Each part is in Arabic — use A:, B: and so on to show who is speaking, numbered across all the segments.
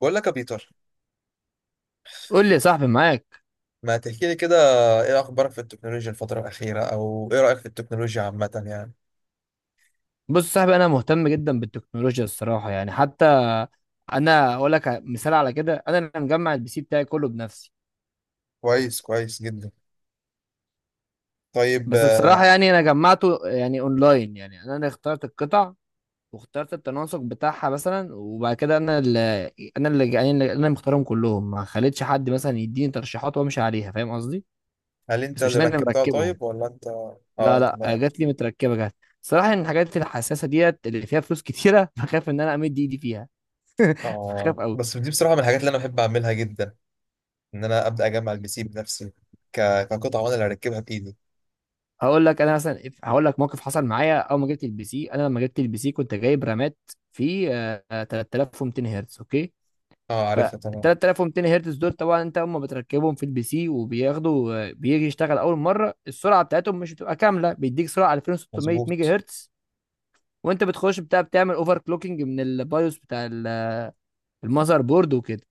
A: بقول لك يا بيتر،
B: قول لي يا صاحبي، معاك.
A: ما تحكي لي كده. ايه اخبارك في التكنولوجيا الفتره الاخيره؟ او ايه رايك في التكنولوجيا عامه يعني؟
B: بص يا صاحبي، انا مهتم جدا بالتكنولوجيا الصراحه يعني. حتى انا اقول لك مثال على كده، انا اللي مجمع البي سي بتاعي كله بنفسي.
A: كويس، كويس جدا. طيب،
B: بس بصراحه يعني انا جمعته يعني اونلاين، يعني انا اللي اخترت القطع واخترت التناسق بتاعها مثلا، وبعد كده انا اللي يعني انا اللي مختارهم كلهم، ما خليتش حد مثلا يديني ترشيحات وامشي عليها، فاهم قصدي؟
A: هل انت
B: بس مش
A: اللي
B: انا اللي
A: ركبتها
B: مركبهم،
A: طيب ولا انت؟ اه،
B: لا
A: تمام.
B: جات لي متركبه جات. صراحه ان الحاجات الحساسه ديت اللي فيها فلوس كتيره بخاف ان انا امد ايدي فيها، بخاف
A: اه،
B: قوي.
A: بس دي بصراحه من الحاجات اللي انا بحب اعملها جدا، ان انا ابدا اجمع البي سي بنفسي. ك... كقطعه، وانا اللي اركبها بايدي.
B: هقول لك انا مثلا، هقول لك موقف حصل معايا اول ما جبت البي سي. انا لما جبت البي سي كنت جايب رامات في 3200 هرتز اوكي.
A: اه،
B: فال
A: عارفها تمام.
B: 3200 هرتز دول طبعا انت اول ما بتركبهم في البي سي وبياخدوا، بيجي يشتغل اول مره السرعه بتاعتهم مش بتبقى كامله، بيديك سرعه 2600 ميجا
A: مظبوط،
B: هرتز. وانت بتخش بتاع، بتعمل اوفر كلوكينج من البايوس بتاع المذر بورد وكده.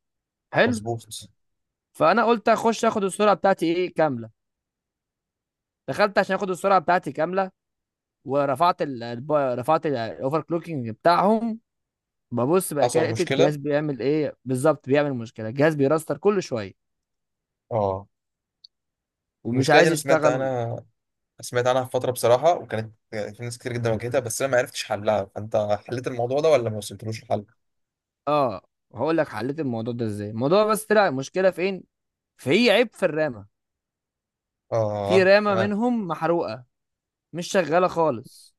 B: حلو.
A: مظبوط.
B: فانا قلت اخش اخد السرعه بتاعتي ايه كامله. دخلت عشان اخد السرعه بتاعتي كامله، ورفعت رفعت الاوفر كلوكينج بتاعهم. ببص بقى كده
A: حصل
B: لقيت
A: مشكله،
B: الجهاز بيعمل ايه بالظبط، بيعمل مشكله، الجهاز بيرستر كل شويه
A: اه.
B: ومش
A: المشكله دي
B: عايز
A: انا سمعت
B: يشتغل.
A: عنها. سمعت عنها في فترة بصراحة، وكانت في ناس كتير جدا واجهتها، بس أنا ما عرفتش حلها. فأنت حليت الموضوع ده ولا ما وصلتلوش الحل؟
B: اه، هقول لك حليت الموضوع ده ازاي. الموضوع بس طلع المشكله فين، في عيب في الرامه، في
A: آه،
B: رامه
A: تمام.
B: منهم محروقه مش شغاله خالص.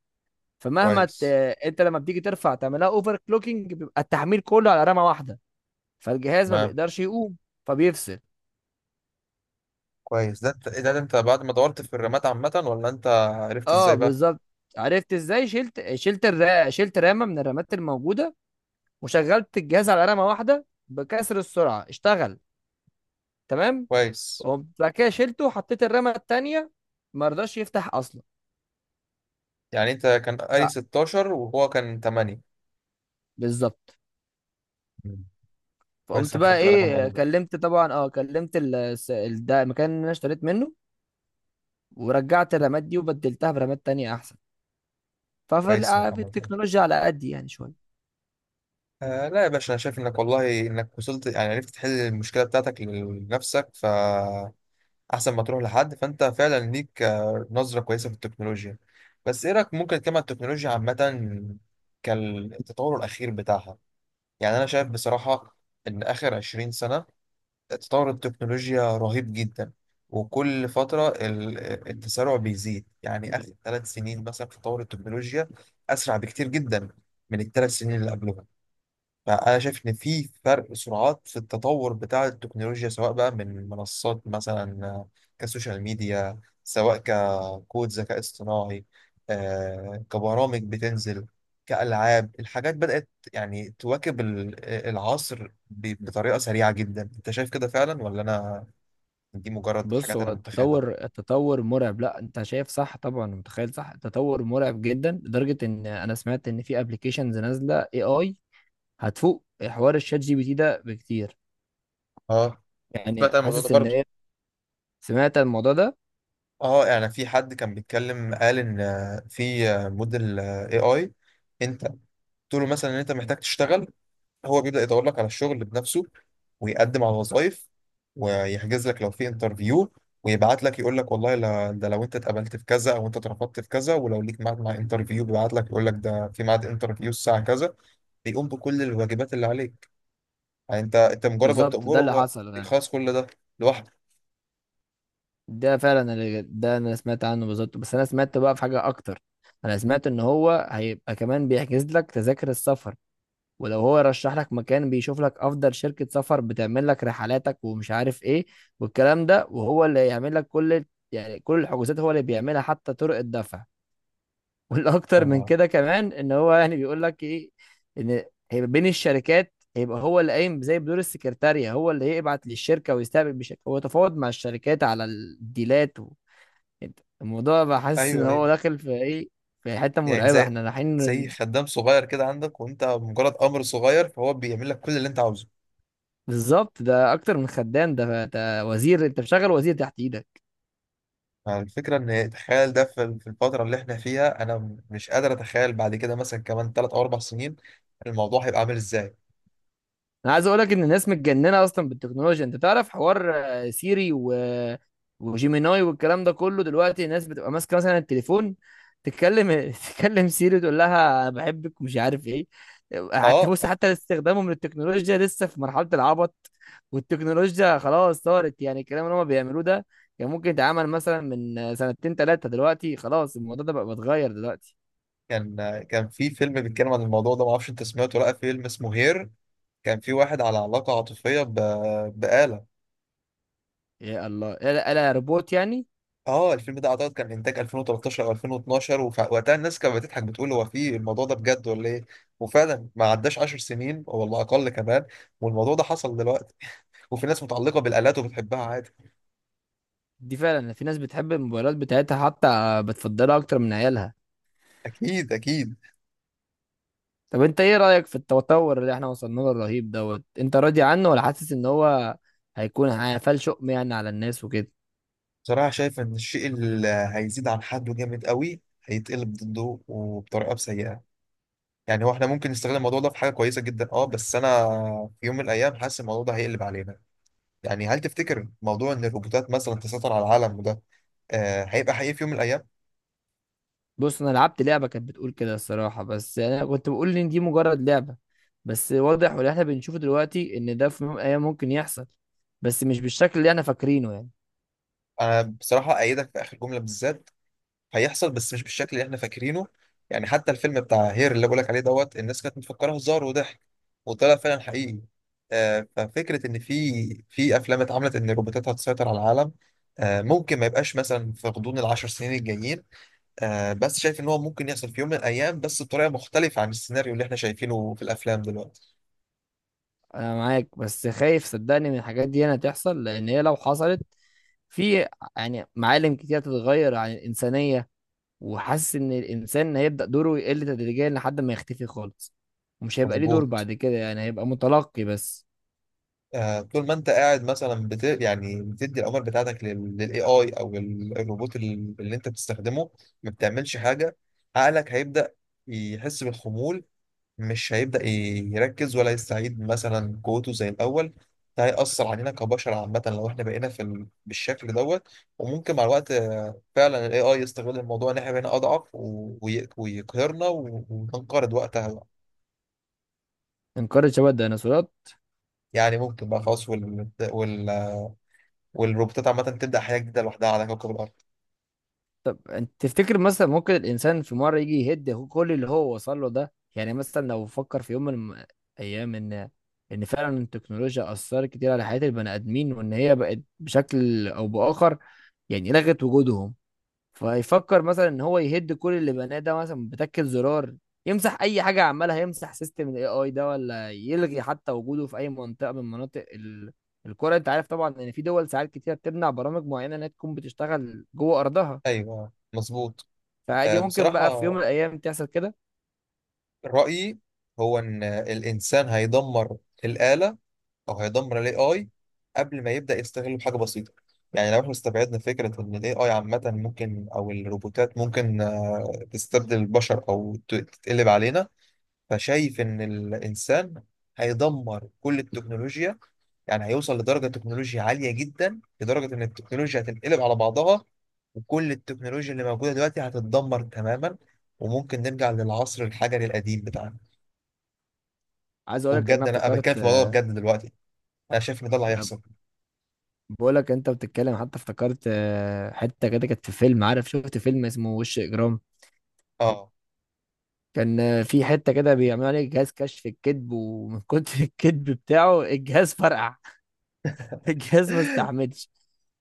B: فمهما ت...
A: كويس.
B: انت لما بتيجي ترفع تعملها اوفر كلوكينج بيبقى التحميل كله على رامه واحده، فالجهاز ما
A: تمام،
B: بيقدرش يقوم فبيفصل.
A: كويس. إيه ده، أنت بعد ما دورت في الرمات عامة، ولا أنت عرفت
B: اه
A: إزاي بقى؟
B: بالظبط، عرفت ازاي. شلت رامه من الرامات الموجوده وشغلت الجهاز على رامه واحده بكسر السرعه، اشتغل تمام.
A: كويس.
B: وقمت بعد كده شلته وحطيت الرامه التانيه، ما رضاش يفتح اصلا.
A: يعني أنت كان
B: ف-
A: قاري 16 وهو كان 8.
B: بالظبط.
A: مم. كويس
B: فقمت
A: إنك
B: بقى
A: خدت بالك من
B: ايه،
A: الموضوع ده.
B: كلمت طبعا، اه كلمت ده المكان اللي انا اشتريت منه، ورجعت الرامات دي وبدلتها برامات تانية احسن. ففي
A: كويس إنك
B: في
A: عملت كده.
B: التكنولوجيا على قد يعني شويه.
A: آه، لا يا باشا. أنا شايف إنك والله إنك وصلت، يعني عرفت تحل المشكلة بتاعتك لنفسك، ف احسن ما تروح لحد. فانت فعلا ليك نظره كويسه في التكنولوجيا. بس ايه رايك ممكن نتكلم عن التكنولوجيا عامه، كالتطور الاخير بتاعها؟ يعني انا شايف بصراحه ان اخر 20 سنه تطور التكنولوجيا رهيب جدا، وكل فتره التسارع بيزيد. يعني اخر 3 سنين مثلا في تطور التكنولوجيا اسرع بكتير جدا من الثلاث سنين اللي قبلهم. فأنا شايف إن في فرق سرعات في التطور بتاع التكنولوجيا، سواء بقى من منصات مثلا كسوشيال ميديا، سواء ككود ذكاء اصطناعي، كبرامج بتنزل، كألعاب. الحاجات بدأت يعني تواكب العصر بطريقة سريعة جدا. أنت شايف كده فعلا، ولا أنا دي مجرد
B: بص،
A: حاجات أنا
B: هو
A: متخيلها؟
B: التطور مرعب. لا انت شايف صح طبعا، متخيل صح، التطور مرعب جدا، لدرجه ان انا سمعت ان في ابلكيشنز نازله اي اي هتفوق حوار الشات جي بي تي ده بكتير.
A: اه،
B: يعني
A: سمعت عن الموضوع ده
B: حاسس ان
A: برضه.
B: هي، سمعت الموضوع ده
A: اه، يعني في حد كان بيتكلم قال ان في موديل اي اي. انت قلت له مثلا ان انت محتاج تشتغل، هو بيبدأ يدور لك على الشغل بنفسه، ويقدم على وظائف، ويحجز لك لو في انترفيو، ويبعت لك يقول لك والله لا، ده لو انت اتقبلت في كذا او انت اترفضت في كذا، ولو ليك ميعاد مع انترفيو بيبعت لك يقول لك ده في ميعاد انترفيو الساعة كذا. بيقوم بكل الواجبات اللي عليك. يعني انت مجرد ما
B: بالظبط. ده
A: بتأمره
B: اللي
A: هو
B: حصل يعني.
A: يخلص كل ده لوحده.
B: ده فعلا اللي، ده انا سمعت عنه بالظبط. بس انا سمعت بقى في حاجه اكتر، انا سمعت ان هو هيبقى كمان بيحجز لك تذاكر السفر، ولو هو يرشح لك مكان بيشوف لك افضل شركة سفر بتعمل لك رحلاتك ومش عارف ايه والكلام ده، وهو اللي يعمل لك كل، يعني كل الحجوزات هو اللي بيعملها حتى طرق الدفع. والاكتر من
A: آه.
B: كده كمان ان هو يعني بيقول لك ايه، ان هيبقى بين الشركات، هيبقى هو اللي قايم زي بدور السكرتارية، هو اللي يبعت للشركة ويستقبل بشكل، هو تفاوض مع الشركات على الديلات الموضوع بحس ان
A: ايوه،
B: هو
A: ايوه.
B: داخل في ايه، في حتة
A: يعني
B: مرعبة
A: زي
B: احنا رايحين.
A: زي خدام صغير كده عندك، وانت مجرد امر صغير فهو بيعمل لك كل اللي انت عاوزه.
B: بالظبط، ده اكتر من خدام، ده ده وزير، انت مشغل وزير تحت ايدك.
A: الفكرة إن تخيل ده في الفترة اللي إحنا فيها، أنا مش قادر أتخيل بعد كده مثلا كمان 3 أو 4 سنين الموضوع هيبقى عامل إزاي.
B: انا عايز اقول لك ان الناس متجننه اصلا بالتكنولوجيا. انت تعرف حوار سيري وجيميناي والكلام ده كله، دلوقتي الناس بتبقى ماسكه مثلا التليفون تتكلم، تتكلم سيري تقول لها انا بحبك ومش عارف ايه. حتى
A: أه،
B: بص، حتى استخدامهم للتكنولوجيا لسه في مرحله العبط، والتكنولوجيا خلاص صارت يعني، الكلام اللي هم بيعملوه ده كان ممكن يتعمل مثلا من سنتين ثلاثه، دلوقتي خلاص الموضوع ده بقى بيتغير دلوقتي.
A: كان في فيلم بيتكلم عن الموضوع ده، معرفش أنت سمعته ولا لأ. فيلم اسمه هير، كان في واحد على علاقة عاطفية بآلة.
B: يا الله، الا يا روبوت يعني.
A: أه، الفيلم ده أعتقد كان إنتاج 2013 أو 2012، ووقتها الناس كانت بتضحك بتقول هو في الموضوع ده بجد ولا إيه. وفعلا ما عداش 10 سنين، والله أقل كمان، والموضوع ده حصل دلوقتي، وفي ناس متعلقة بالآلات وبتحبها عادي.
B: دي فعلا في ناس بتحب الموبايلات بتاعتها حتى بتفضلها اكتر من عيالها.
A: أكيد، أكيد.
B: طب انت ايه رأيك في التطور اللي احنا وصلنا له الرهيب دوت؟ انت راضي عنه ولا حاسس ان هو هيكون هيفال شؤم يعني على الناس وكده؟
A: بصراحة شايف إن الشيء اللي هيزيد عن حده جامد قوي هيتقلب ضده وبطريقة سيئة. يعني هو احنا ممكن نستغل الموضوع ده في حاجة كويسة جدا، اه، بس أنا في يوم من الأيام حاسس الموضوع ده هيقلب علينا. يعني هل تفتكر موضوع إن الروبوتات مثلا تسيطر على العالم، وده هيبقى حقيقي في يوم من الأيام؟
B: بص، انا لعبت لعبة كانت بتقول كده الصراحة، بس يعني انا كنت بقول ان دي مجرد لعبة. بس واضح، واللي احنا بنشوفه دلوقتي ان ده في يوم من الايام ممكن يحصل، بس مش بالشكل اللي احنا فاكرينه يعني.
A: أنا بصراحة أيدك في آخر جملة بالذات. هيحصل بس مش بالشكل اللي احنا فاكرينه. يعني حتى الفيلم بتاع هير اللي بقولك عليه دوت، الناس كانت مفكره هزار وضحك، وطلع فعلا حقيقي. ففكره ان في افلام اتعملت ان الروبوتات هتسيطر على العالم، ممكن ما يبقاش مثلا في غضون العشر سنين الجايين. بس شايف ان هو ممكن يحصل في يوم من الايام بس بطريقه مختلفه عن السيناريو اللي احنا شايفينه في الافلام دلوقتي.
B: انا معاك، بس خايف صدقني من الحاجات دي انا تحصل، لان هي لو حصلت في، يعني معالم كتير هتتغير عن الإنسانية. وحاسس إن الإنسان هيبدأ دوره يقل تدريجيا لحد ما يختفي خالص، ومش هيبقى ليه دور
A: مظبوط.
B: بعد كده يعني، هيبقى متلقي بس.
A: طول ما انت قاعد مثلا يعني بتدي الاوامر بتاعتك للاي اي او الروبوت اللي انت بتستخدمه ما بتعملش حاجه. عقلك هيبدا يحس بالخمول، مش هيبدا يركز ولا يستعيد مثلا قوته زي الاول. ده هيأثر علينا كبشر عامة لو احنا بقينا بالشكل دوت. وممكن مع الوقت فعلا الاي اي يستغل الموضوع ان احنا بقينا اضعف ويقهرنا وننقرض وقتها بقى.
B: انقرض شبه الديناصورات.
A: يعني ممكن بقى خلاص والروبوتات عامة تبدأ حياة جديدة لوحدها على كوكب الأرض.
B: طب انت تفتكر مثلا ممكن الإنسان في مرة يجي يهد كل اللي هو وصل له ده؟ يعني مثلا لو فكر في يوم من أيام إن، إن فعلا التكنولوجيا أثرت كتير على حياة البني آدمين وإن هي بقت بشكل أو بآخر يعني لغت وجودهم، فيفكر مثلا ان هو يهد كل اللي بناه ده مثلا بتكة زرار، يمسح اي حاجه، عمالها يمسح سيستم الاي اي ده، ولا يلغي حتى وجوده في اي منطقه من مناطق الكره. انت عارف طبعا ان في دول ساعات كتير بتمنع برامج معينه انها تكون بتشتغل جوه ارضها،
A: أيوه، مظبوط.
B: فعادي ممكن بقى في يوم
A: بصراحة
B: من الايام تحصل كده.
A: رأيي هو إن الإنسان هيدمر الآلة، أو هيدمر ال AI قبل ما يبدأ يستغله بحاجة بسيطة. يعني لو احنا استبعدنا فكرة إن ال AI عامة ممكن، أو الروبوتات ممكن تستبدل البشر أو تتقلب علينا، فشايف إن الإنسان هيدمر كل التكنولوجيا. يعني هيوصل لدرجة تكنولوجيا عالية جدا لدرجة إن التكنولوجيا هتنقلب على بعضها، وكل التكنولوجيا اللي موجودة دلوقتي هتتدمر تماما، وممكن نرجع للعصر الحجري القديم بتاعنا.
B: عايز اقول لك انا
A: وبجد أنا
B: افتكرت،
A: بتكلم في الموضوع ده بجد دلوقتي. أنا شايف إن ده اللي هيحصل.
B: بقول لك انت بتتكلم حتى افتكرت، حته كده كانت في فيلم، عارف شفت فيلم اسمه وش اجرام؟
A: آه
B: كان في حتة كده بيعملوا عليه جهاز كشف الكذب، ومن كتر الكذب بتاعه الجهاز فرقع، الجهاز ما استحملش.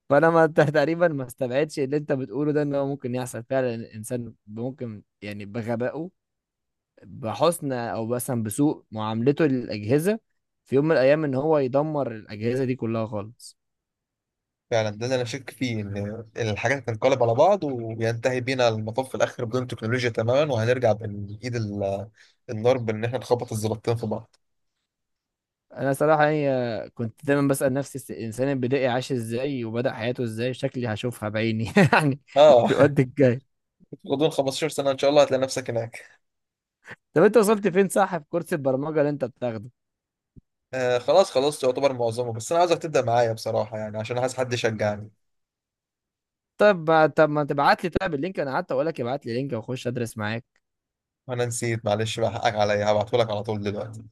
B: فانا ما تقريبا ما استبعدش اللي انت بتقوله ده، ان هو ممكن يحصل فعلا. الانسان ممكن يعني بغبائه، بحسن او مثلا بسوء معاملته للاجهزه، في يوم من الايام ان هو يدمر الاجهزه دي كلها خالص.
A: فعلا ده اللي أنا شاك فيه، إن الحاجات هتنقلب على بعض وينتهي بينا المطاف في الآخر بدون تكنولوجيا تماما، وهنرجع بإيد النار، بإن إحنا نخبط الزلطتين في بعض.
B: انا صراحه يعني، كنت دايما بسال نفسي الانسان البدائي عاش ازاي وبدا حياته ازاي، شكلي هشوفها بعيني يعني في
A: آه
B: الوقت الجاي.
A: غضون 15 سنة إن شاء الله هتلاقي نفسك هناك.
B: طب انت وصلت فين، صح، في كورس البرمجه اللي انت بتاخده؟
A: آه، خلاص خلصت يعتبر معظمه، بس انا عاوزك تبدا معايا بصراحه، يعني عشان عايز حد يشجعني.
B: طب ما تبعت لي طيب اللينك؟ انا قعدت اقول لك ابعت لي لينك واخش ادرس معاك.
A: وانا نسيت، معلش بقى حقك عليا، هبعتهولك على طول دلوقتي.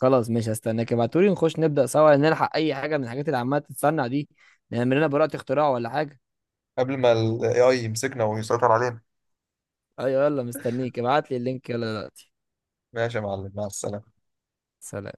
B: خلاص ماشي، هستناك ابعتولي نخش نبدا سوا، نلحق اي حاجه من الحاجات اللي عماله تتصنع دي، نعمل لنا براءه اختراع ولا حاجه.
A: قبل ما الاي اي يمسكنا ويسيطر علينا.
B: ايوه يلا، مستنيك ابعت لي اللينك يلا دلوقتي.
A: ماشي يا معلم، مع السلامه.
B: سلام.